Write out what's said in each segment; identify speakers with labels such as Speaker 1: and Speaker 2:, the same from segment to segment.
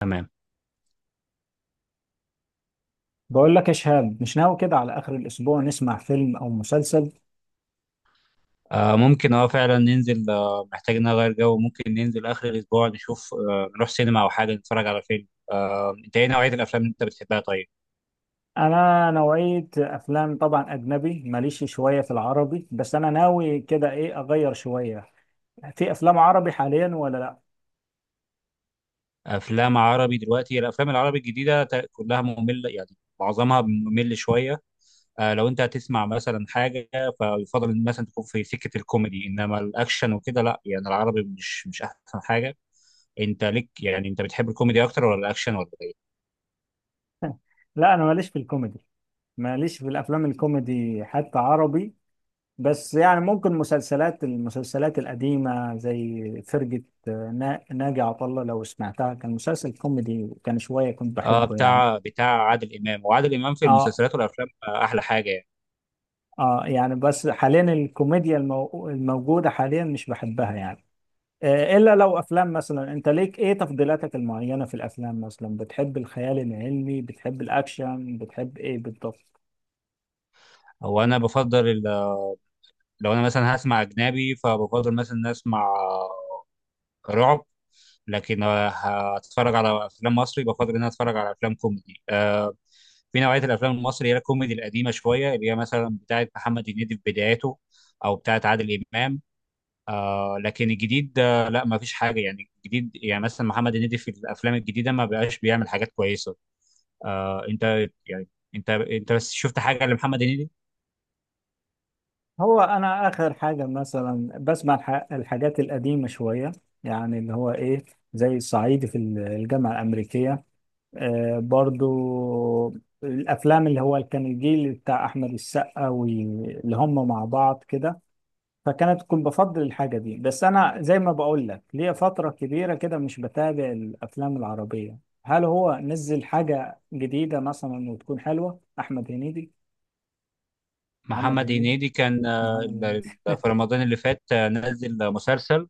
Speaker 1: تمام.
Speaker 2: بقول لك يا شهاب، مش ناوي كده على آخر الأسبوع نسمع فيلم أو مسلسل.
Speaker 1: ممكن فعلا ننزل، محتاج ان أنا اغير جو. ممكن ننزل اخر الاسبوع نشوف، نروح سينما او حاجه نتفرج على فيلم. انت ايه نوعيه الافلام اللي انت بتحبها؟ طيب،
Speaker 2: أنا نوعية أفلام طبعا أجنبي، ماليش شوية في العربي، بس أنا ناوي كده إيه أغير شوية. في أفلام عربي حاليا ولا لأ؟
Speaker 1: افلام عربي دلوقتي، الافلام العربي الجديده كلها ممله، يعني معظمها ممل شويه. لو انت هتسمع مثلا حاجه فيفضل ان مثلا تكون في سكه الكوميدي، انما الاكشن وكده لا، يعني العربي مش احسن حاجه. انت ليك، يعني انت بتحب الكوميدي اكتر ولا الاكشن ولا ايه؟
Speaker 2: لا، أنا ماليش في الكوميدي. ماليش في الأفلام الكوميدي حتى عربي. بس يعني ممكن المسلسلات القديمة زي فرقة ناجي عطا الله، لو سمعتها، كان مسلسل كوميدي وكان شوية كنت
Speaker 1: اه،
Speaker 2: بحبه يعني.
Speaker 1: بتاع عادل امام، وعادل امام في
Speaker 2: اه،
Speaker 1: المسلسلات والافلام، احلى حاجه يعني.
Speaker 2: اه، يعني بس حاليا الكوميديا الموجودة حاليا مش بحبها يعني. إلا لو أفلام، مثلا أنت ليك إيه تفضيلاتك المعينة في الأفلام؟ مثلا بتحب الخيال العلمي، بتحب الأكشن، بتحب إيه بالضبط؟
Speaker 1: هو انا بفضل، لو انا مثلا هسمع اجنبي فبفضل مثلا إن اسمع رعب. لكن هتفرج على افلام مصري بفضل ان انا اتفرج على افلام كوميدي. في نوعيه الافلام المصري، هي الكوميدي القديمه شويه، اللي هي مثلا بتاعه محمد هنيدي في بداياته، او بتاعه عادل امام. لكن الجديد، لا ما فيش حاجه. يعني الجديد يعني مثلا محمد هنيدي في الافلام الجديده ما بقاش بيعمل حاجات كويسه. انت، يعني انت بس شفت حاجه لمحمد هنيدي؟
Speaker 2: هو أنا آخر حاجة مثلا بسمع الحاجات القديمة شوية، يعني اللي هو إيه، زي الصعيدي في الجامعة الأمريكية. برضو الأفلام اللي هو كان الجيل بتاع أحمد السقا واللي هم مع بعض كده. كنت بفضل الحاجة دي، بس أنا زي ما بقول لك ليا فترة كبيرة كده مش بتابع الأفلام العربية. هل هو نزل حاجة جديدة مثلا وتكون حلوة أحمد هنيدي؟ محمد
Speaker 1: محمد
Speaker 2: هنيدي
Speaker 1: هنيدي كان،
Speaker 2: محمد هنيدي
Speaker 1: في رمضان اللي فات، نزل مسلسل.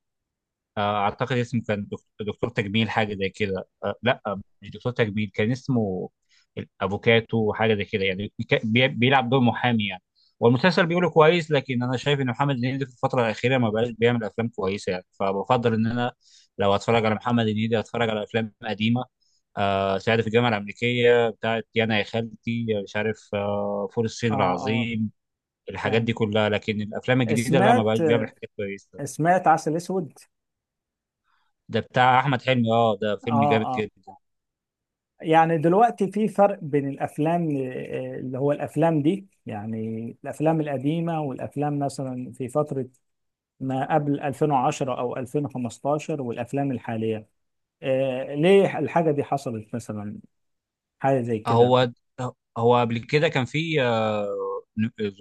Speaker 1: اعتقد اسمه كان دكتور تجميل، حاجه زي كده. لا، مش دكتور تجميل كان اسمه، الافوكاتو حاجه زي كده، يعني بيلعب دور محامي يعني. والمسلسل بيقوله كويس، لكن انا شايف ان محمد هنيدي في الفتره الاخيره ما بقاش بيعمل افلام كويسه، يعني فبفضل ان انا لو اتفرج على محمد هنيدي اتفرج على افلام قديمه. سعيد في الجامعه الامريكيه، بتاعت يانا يا خالتي مش عارف، فول
Speaker 2: آه.
Speaker 1: الصين
Speaker 2: آه.
Speaker 1: العظيم، الحاجات دي
Speaker 2: فاهم.
Speaker 1: كلها. لكن الافلام الجديده لا، ما
Speaker 2: سمعت
Speaker 1: بقاش بيعمل حاجات كويسه.
Speaker 2: سمعت عسل أسود.
Speaker 1: ده بتاع احمد حلمي، اه ده فيلم
Speaker 2: آه.
Speaker 1: جامد
Speaker 2: آه.
Speaker 1: جدا.
Speaker 2: يعني دلوقتي في فرق بين الأفلام، اللي هو الأفلام دي، يعني الأفلام القديمة والأفلام مثلا في فترة ما قبل 2010 او 2015، والافلام الحاليه. ليه الحاجه دي حصلت مثلا؟ حاجه زي كده.
Speaker 1: هو هو قبل كده كان في،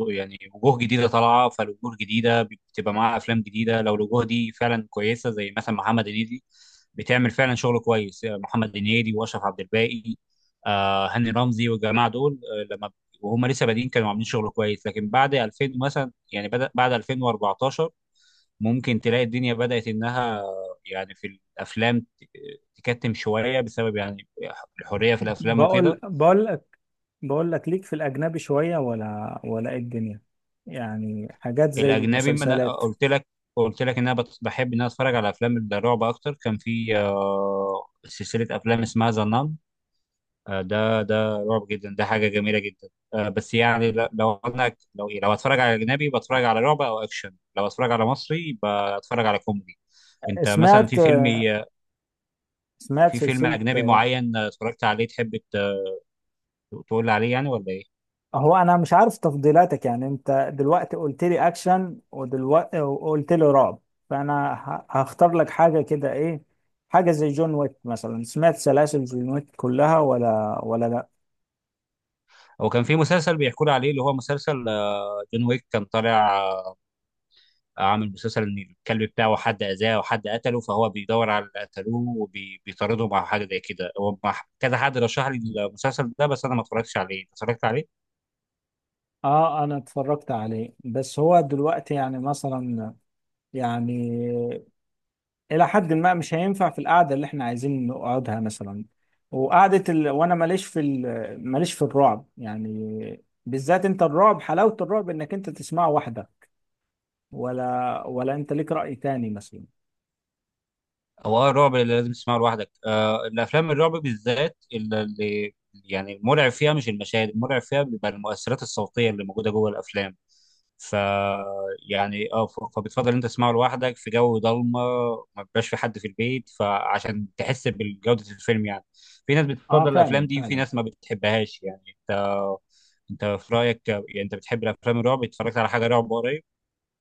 Speaker 1: يعني وجوه جديده طالعه، فالوجوه الجديده بتبقى معاها افلام جديده لو الوجوه دي فعلا كويسه، زي مثلا محمد هنيدي بتعمل فعلا شغل كويس. محمد هنيدي واشرف عبد الباقي، هاني رمزي والجماعه دول، لما وهم لسه بادئين كانوا عاملين شغل كويس. لكن بعد 2000 مثلا، يعني بدأ بعد 2014 ممكن تلاقي الدنيا بدأت إنها، يعني في الأفلام تكتم شوية، بسبب يعني الحرية في الأفلام
Speaker 2: بقول
Speaker 1: وكده.
Speaker 2: بقول لك بقول لك ليك في الاجنبي شويه ولا إيه الدنيا؟ يعني حاجات زي
Speaker 1: الأجنبي ما أنا
Speaker 2: مسلسلات.
Speaker 1: قلت لك، قلت لك إن أنا بحب إن أنا أتفرج على أفلام الرعب أكتر. كان في سلسلة أفلام اسمها ذا نان، ده رعب جدا، ده حاجة جميلة جدا. بس يعني لو أنا لو إيه، لو أتفرج على أجنبي بتفرج على رعب أو أكشن، لو أتفرج على مصري بتفرج على كوميدي. أنت مثلا في
Speaker 2: سمعت
Speaker 1: فيلم،
Speaker 2: سمعت
Speaker 1: في فيلم
Speaker 2: سلسله.
Speaker 1: أجنبي معين اتفرجت عليه تحب تقول لي عليه، يعني ولا ايه؟
Speaker 2: هو انا مش عارف تفضيلاتك، يعني انت دلوقتي قلت لي اكشن، ودلوقتي وقلت لي رعب، فانا هختار لك حاجه كده. ايه، حاجه زي جون ويك مثلا؟ سمعت سلاسل جون ويك كلها ولا لا؟
Speaker 1: هو كان في مسلسل بيحكوا لي عليه، اللي هو مسلسل جون ويك، كان طالع عامل مسلسل ان الكلب بتاعه حد اذاه وحد قتله، فهو بيدور على اللي قتلوه وبيطارده، مع حاجه زي كده. هو كذا حد رشح لي المسلسل ده، بس انا ما اتفرجتش عليه. أنت اتفرجت عليه؟
Speaker 2: اه، انا اتفرجت عليه، بس هو دلوقتي يعني مثلا، يعني الى حد ما مش هينفع في القعده اللي احنا عايزين نقعدها مثلا. وانا ماليش في الرعب يعني، بالذات انت الرعب، حلاوه الرعب انك انت تسمعه واحده. ولا انت ليك رأي تاني مثلا؟
Speaker 1: هو الرعب اللي لازم تسمعه لوحدك. الافلام الرعب بالذات، اللي يعني المرعب فيها مش المشاهد، المرعب فيها بيبقى المؤثرات الصوتيه اللي موجوده جوه الافلام. ف يعني اه، فبتفضل انت تسمعه لوحدك في جو ضلمه، ما بيبقاش في حد في البيت، فعشان تحس بجوده الفيلم يعني. في ناس
Speaker 2: اه،
Speaker 1: بتفضل الافلام
Speaker 2: فعلا،
Speaker 1: دي، وفي
Speaker 2: فعلا.
Speaker 1: ناس ما بتحبهاش، يعني انت، انت في رايك، يعني انت بتحب الافلام الرعب؟ اتفرجت على حاجه رعب قريب؟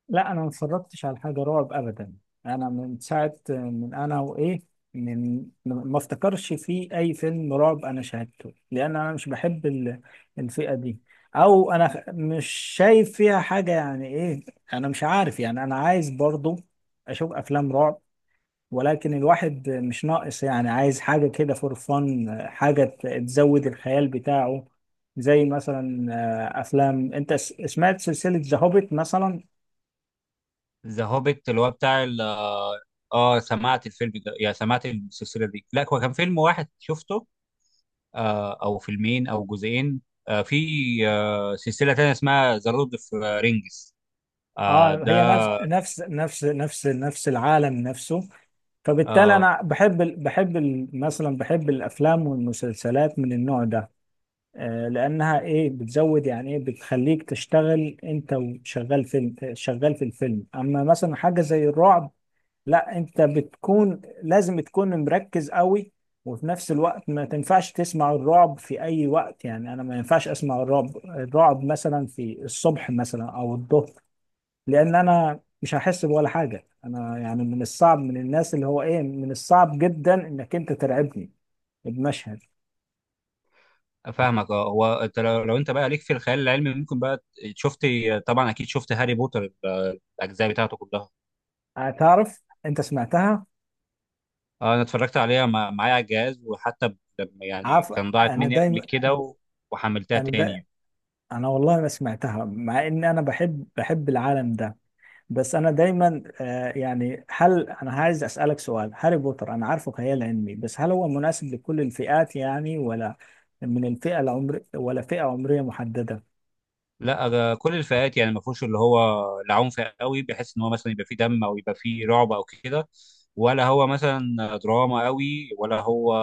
Speaker 2: لا، انا ما اتفرجتش على حاجة رعب ابدا. انا من ساعة، من انا وايه، من ما افتكرش في اي فيلم رعب انا شاهدته، لان انا مش بحب الفئة دي، او انا مش شايف فيها حاجة يعني، ايه؟ انا مش عارف. يعني انا عايز برضو اشوف افلام رعب، ولكن الواحد مش ناقص، يعني عايز حاجة كده فور فن، حاجة تزود الخيال بتاعه، زي مثلا أفلام. أنت سمعت سلسلة ذا هوبيت مثلا؟
Speaker 1: ذا هوبيت اللي هو بتاع، اه سمعت الفيلم ده، يعني سمعت السلسله دي. لا، هو كان فيلم واحد شفته، او فيلمين او جزئين. في، سلسله تانية اسمها ذا لورد اوف رينجز،
Speaker 2: اه،
Speaker 1: ده،
Speaker 2: هي نفس العالم نفسه. فبالتالي
Speaker 1: آه
Speaker 2: أنا مثلا بحب الأفلام والمسلسلات من النوع ده. لأنها إيه بتزود، يعني إيه بتخليك تشتغل أنت، وشغال شغال في الفيلم. أما مثلا حاجة زي الرعب، لا، انت بتكون لازم تكون مركز قوي، وفي نفس الوقت ما تنفعش تسمع الرعب في اي وقت يعني. انا ما ينفعش اسمع الرعب مثلا في الصبح مثلا او الظهر، لان انا مش هحس بولا حاجة. انا يعني من الصعب، من الناس اللي هو ايه، من الصعب جدا انك انت ترعبني بمشهد.
Speaker 1: فاهمك. اه، هو انت لو، لو انت بقى ليك في الخيال العلمي، ممكن بقى شفت، طبعا اكيد شفت هاري بوتر، الاجزاء بتاعته كلها.
Speaker 2: هتعرف، انت سمعتها؟
Speaker 1: انا اتفرجت عليها، معايا على الجهاز، وحتى لما، يعني
Speaker 2: عارف،
Speaker 1: كان ضاعت
Speaker 2: انا
Speaker 1: مني قبل
Speaker 2: دايما
Speaker 1: كده وحملتها
Speaker 2: انا دا
Speaker 1: تاني.
Speaker 2: انا والله ما سمعتها، مع ان انا بحب العالم ده. بس انا دايما يعني، هل انا عايز اسالك سؤال. هاري بوتر انا عارفه خيال علمي، بس هل هو مناسب لكل الفئات يعني، ولا من الفئه العمر، ولا فئه عمريه محدده؟
Speaker 1: لا، كل الفئات، يعني ما فيهوش اللي هو العنف قوي بحيث ان هو مثلا يبقى فيه دم او يبقى فيه رعب او كده، ولا هو مثلا دراما قوي، ولا هو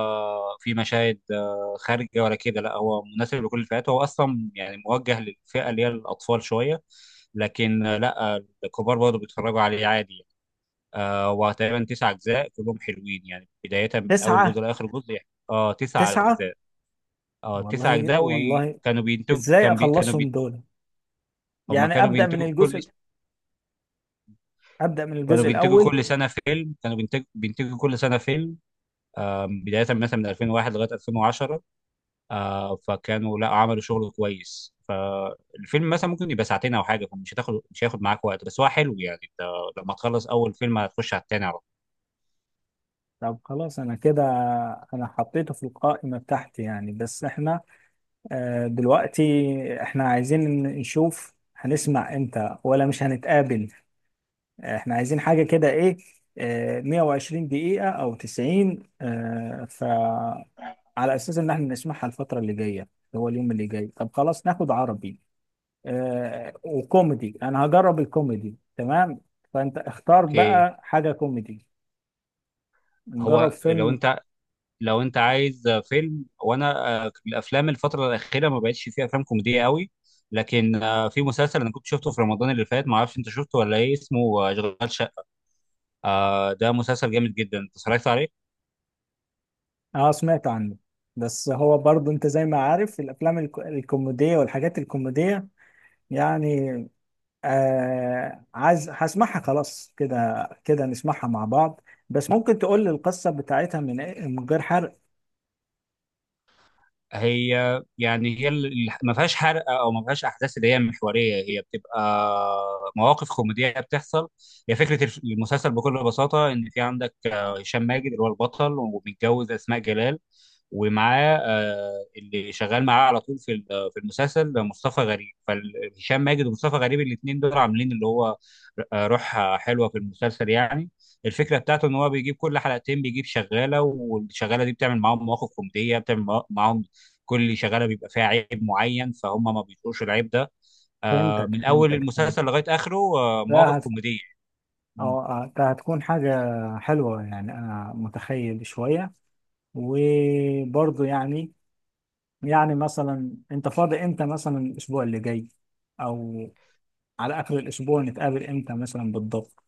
Speaker 1: في مشاهد خارجه ولا كده. لا، هو مناسب لكل الفئات، هو اصلا يعني موجه للفئه اللي هي الاطفال شويه. لكن لا الكبار برضه بيتفرجوا عليه عادي يعني. وتقريبا تسع اجزاء كلهم حلوين، يعني بدايه من اول
Speaker 2: تسعه،
Speaker 1: جزء لاخر جزء، يعني اه تسع
Speaker 2: تسعه.
Speaker 1: اجزاء. اه تسع
Speaker 2: والله،
Speaker 1: اجزاء،
Speaker 2: والله،
Speaker 1: وكانوا بينتجوا،
Speaker 2: ازاي
Speaker 1: كان
Speaker 2: اخلصهم دول؟
Speaker 1: هم
Speaker 2: يعني،
Speaker 1: كانوا
Speaker 2: ابدا من
Speaker 1: بينتجوا كل،
Speaker 2: الجزء ابدا من
Speaker 1: كانوا
Speaker 2: الجزء
Speaker 1: بينتجوا
Speaker 2: الاول.
Speaker 1: كل سنه فيلم، كانوا بينتجوا كل سنه فيلم. آم، بدايه مثلا من 2001 لغايه 2010. فكانوا لا عملوا شغل كويس. فالفيلم مثلا ممكن يبقى ساعتين او حاجه، فمش هتاخد، مش هياخد معاك وقت، بس هو حلو يعني، انت لما تخلص اول فيلم هتخش على التاني على طول.
Speaker 2: طب خلاص، انا حطيته في القائمه بتاعتي يعني. بس احنا دلوقتي، احنا عايزين نشوف هنسمع امتى ولا مش هنتقابل. احنا عايزين حاجة كده، ايه، 120 دقيقة او 90، فعلى اساس ان احنا نسمعها الفترة اللي جاية، اللي هو اليوم اللي جاي. طب خلاص، ناخد عربي وكوميدي. انا هجرب الكوميدي، تمام. فانت اختار
Speaker 1: اوكي.
Speaker 2: بقى حاجة كوميدي، نجرب
Speaker 1: هو لو
Speaker 2: فيلم.
Speaker 1: انت، لو انت عايز فيلم، وانا، الافلام الفتره الاخيره ما بقتش فيها افلام كوميديه قوي. لكن في مسلسل انا كنت شفته في رمضان اللي فات، ما اعرفش انت شفته ولا ايه. اسمه، آه، اشغال. ده مسلسل جامد جدا، انت اتفرجت عليه؟
Speaker 2: اه، سمعت عنه، بس هو برضه انت زي ما عارف الافلام الكوميدية والحاجات الكوميدية يعني. عايز هسمعها. خلاص، كده كده نسمعها مع بعض. بس ممكن تقول لي القصة بتاعتها من غير حرق؟
Speaker 1: هي يعني ما فيهاش حرق، او ما فيهاش احداث اللي هي محوريه، هي بتبقى مواقف كوميديه بتحصل. هي فكره المسلسل بكل بساطه، ان في عندك هشام ماجد اللي هو البطل ومتجوز اسماء جلال. ومعاه اللي شغال معاه على طول في في المسلسل مصطفى غريب. فهشام ماجد ومصطفى غريب الاثنين دول عاملين اللي هو، روح حلوه في المسلسل يعني. الفكره بتاعته ان هو بيجيب كل حلقتين بيجيب شغاله، والشغاله دي بتعمل معاهم مواقف كوميديه، بتعمل معاهم كل شغاله بيبقى فيها عيب معين، فهم ما بيطلقوش العيب ده.
Speaker 2: فهمتك،
Speaker 1: من اول
Speaker 2: فهمتك،
Speaker 1: المسلسل
Speaker 2: فهمتك.
Speaker 1: لغايه اخره
Speaker 2: لا،
Speaker 1: مواقف كوميديه. م.
Speaker 2: أو ده هتكون حاجة حلوة يعني. أنا متخيل شوية. وبرضه يعني مثلا أنت فاضي إمتى مثلا الأسبوع اللي جاي؟ أو على آخر الأسبوع نتقابل إمتى مثلا بالضبط؟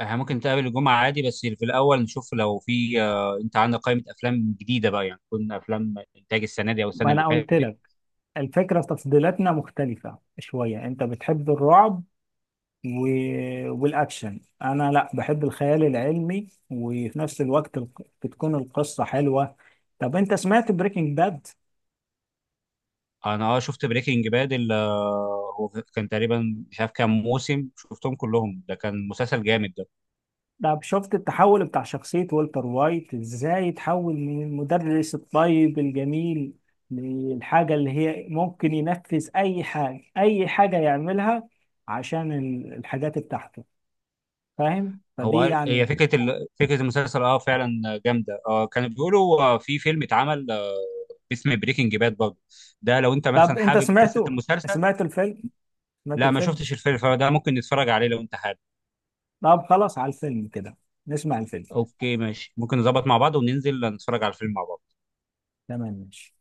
Speaker 1: احنا ممكن نتقابل الجمعه عادي، بس في الاول نشوف، لو في انت عندك قائمه افلام جديده بقى، يعني تكون افلام انتاج السنه دي او
Speaker 2: ما
Speaker 1: السنه اللي
Speaker 2: أنا قلت
Speaker 1: فاتت.
Speaker 2: لك، الفكرة تفضيلاتنا مختلفة شوية، أنت بتحب الرعب و... والاكشن، انا لا، بحب الخيال العلمي، وفي نفس الوقت بتكون القصه حلوه. طب انت سمعت بريكنج باد؟
Speaker 1: انا اه شفت بريكنج باد، هو كان تقريبا مش عارف كام موسم شفتهم كلهم، ده كان مسلسل جامد.
Speaker 2: طب شفت التحول بتاع شخصيه والتر وايت ازاي يتحول من المدرس الطيب الجميل للحاجه اللي هي ممكن ينفذ اي حاجه، اي حاجه يعملها، عشان الحاجات بتاعته؟ فاهم، فدي
Speaker 1: هي
Speaker 2: يعني.
Speaker 1: فكره فكره المسلسل اه فعلا جامده. اه كانوا بيقولوا في فيلم اتعمل اسمه بريكنج باد برضه، ده لو انت
Speaker 2: طب
Speaker 1: مثلا
Speaker 2: انت
Speaker 1: حابب قصه
Speaker 2: سمعته؟
Speaker 1: المسلسل.
Speaker 2: سمعت الفيلم سمعت
Speaker 1: لا، ما
Speaker 2: الفيلم
Speaker 1: شفتش الفيلم، فده ممكن نتفرج عليه لو انت حابب.
Speaker 2: طب خلاص على الفيلم كده، نسمع الفيلم.
Speaker 1: اوكي ماشي، ممكن نظبط مع بعض وننزل نتفرج على الفيلم مع بعض.
Speaker 2: تمام، ماشي.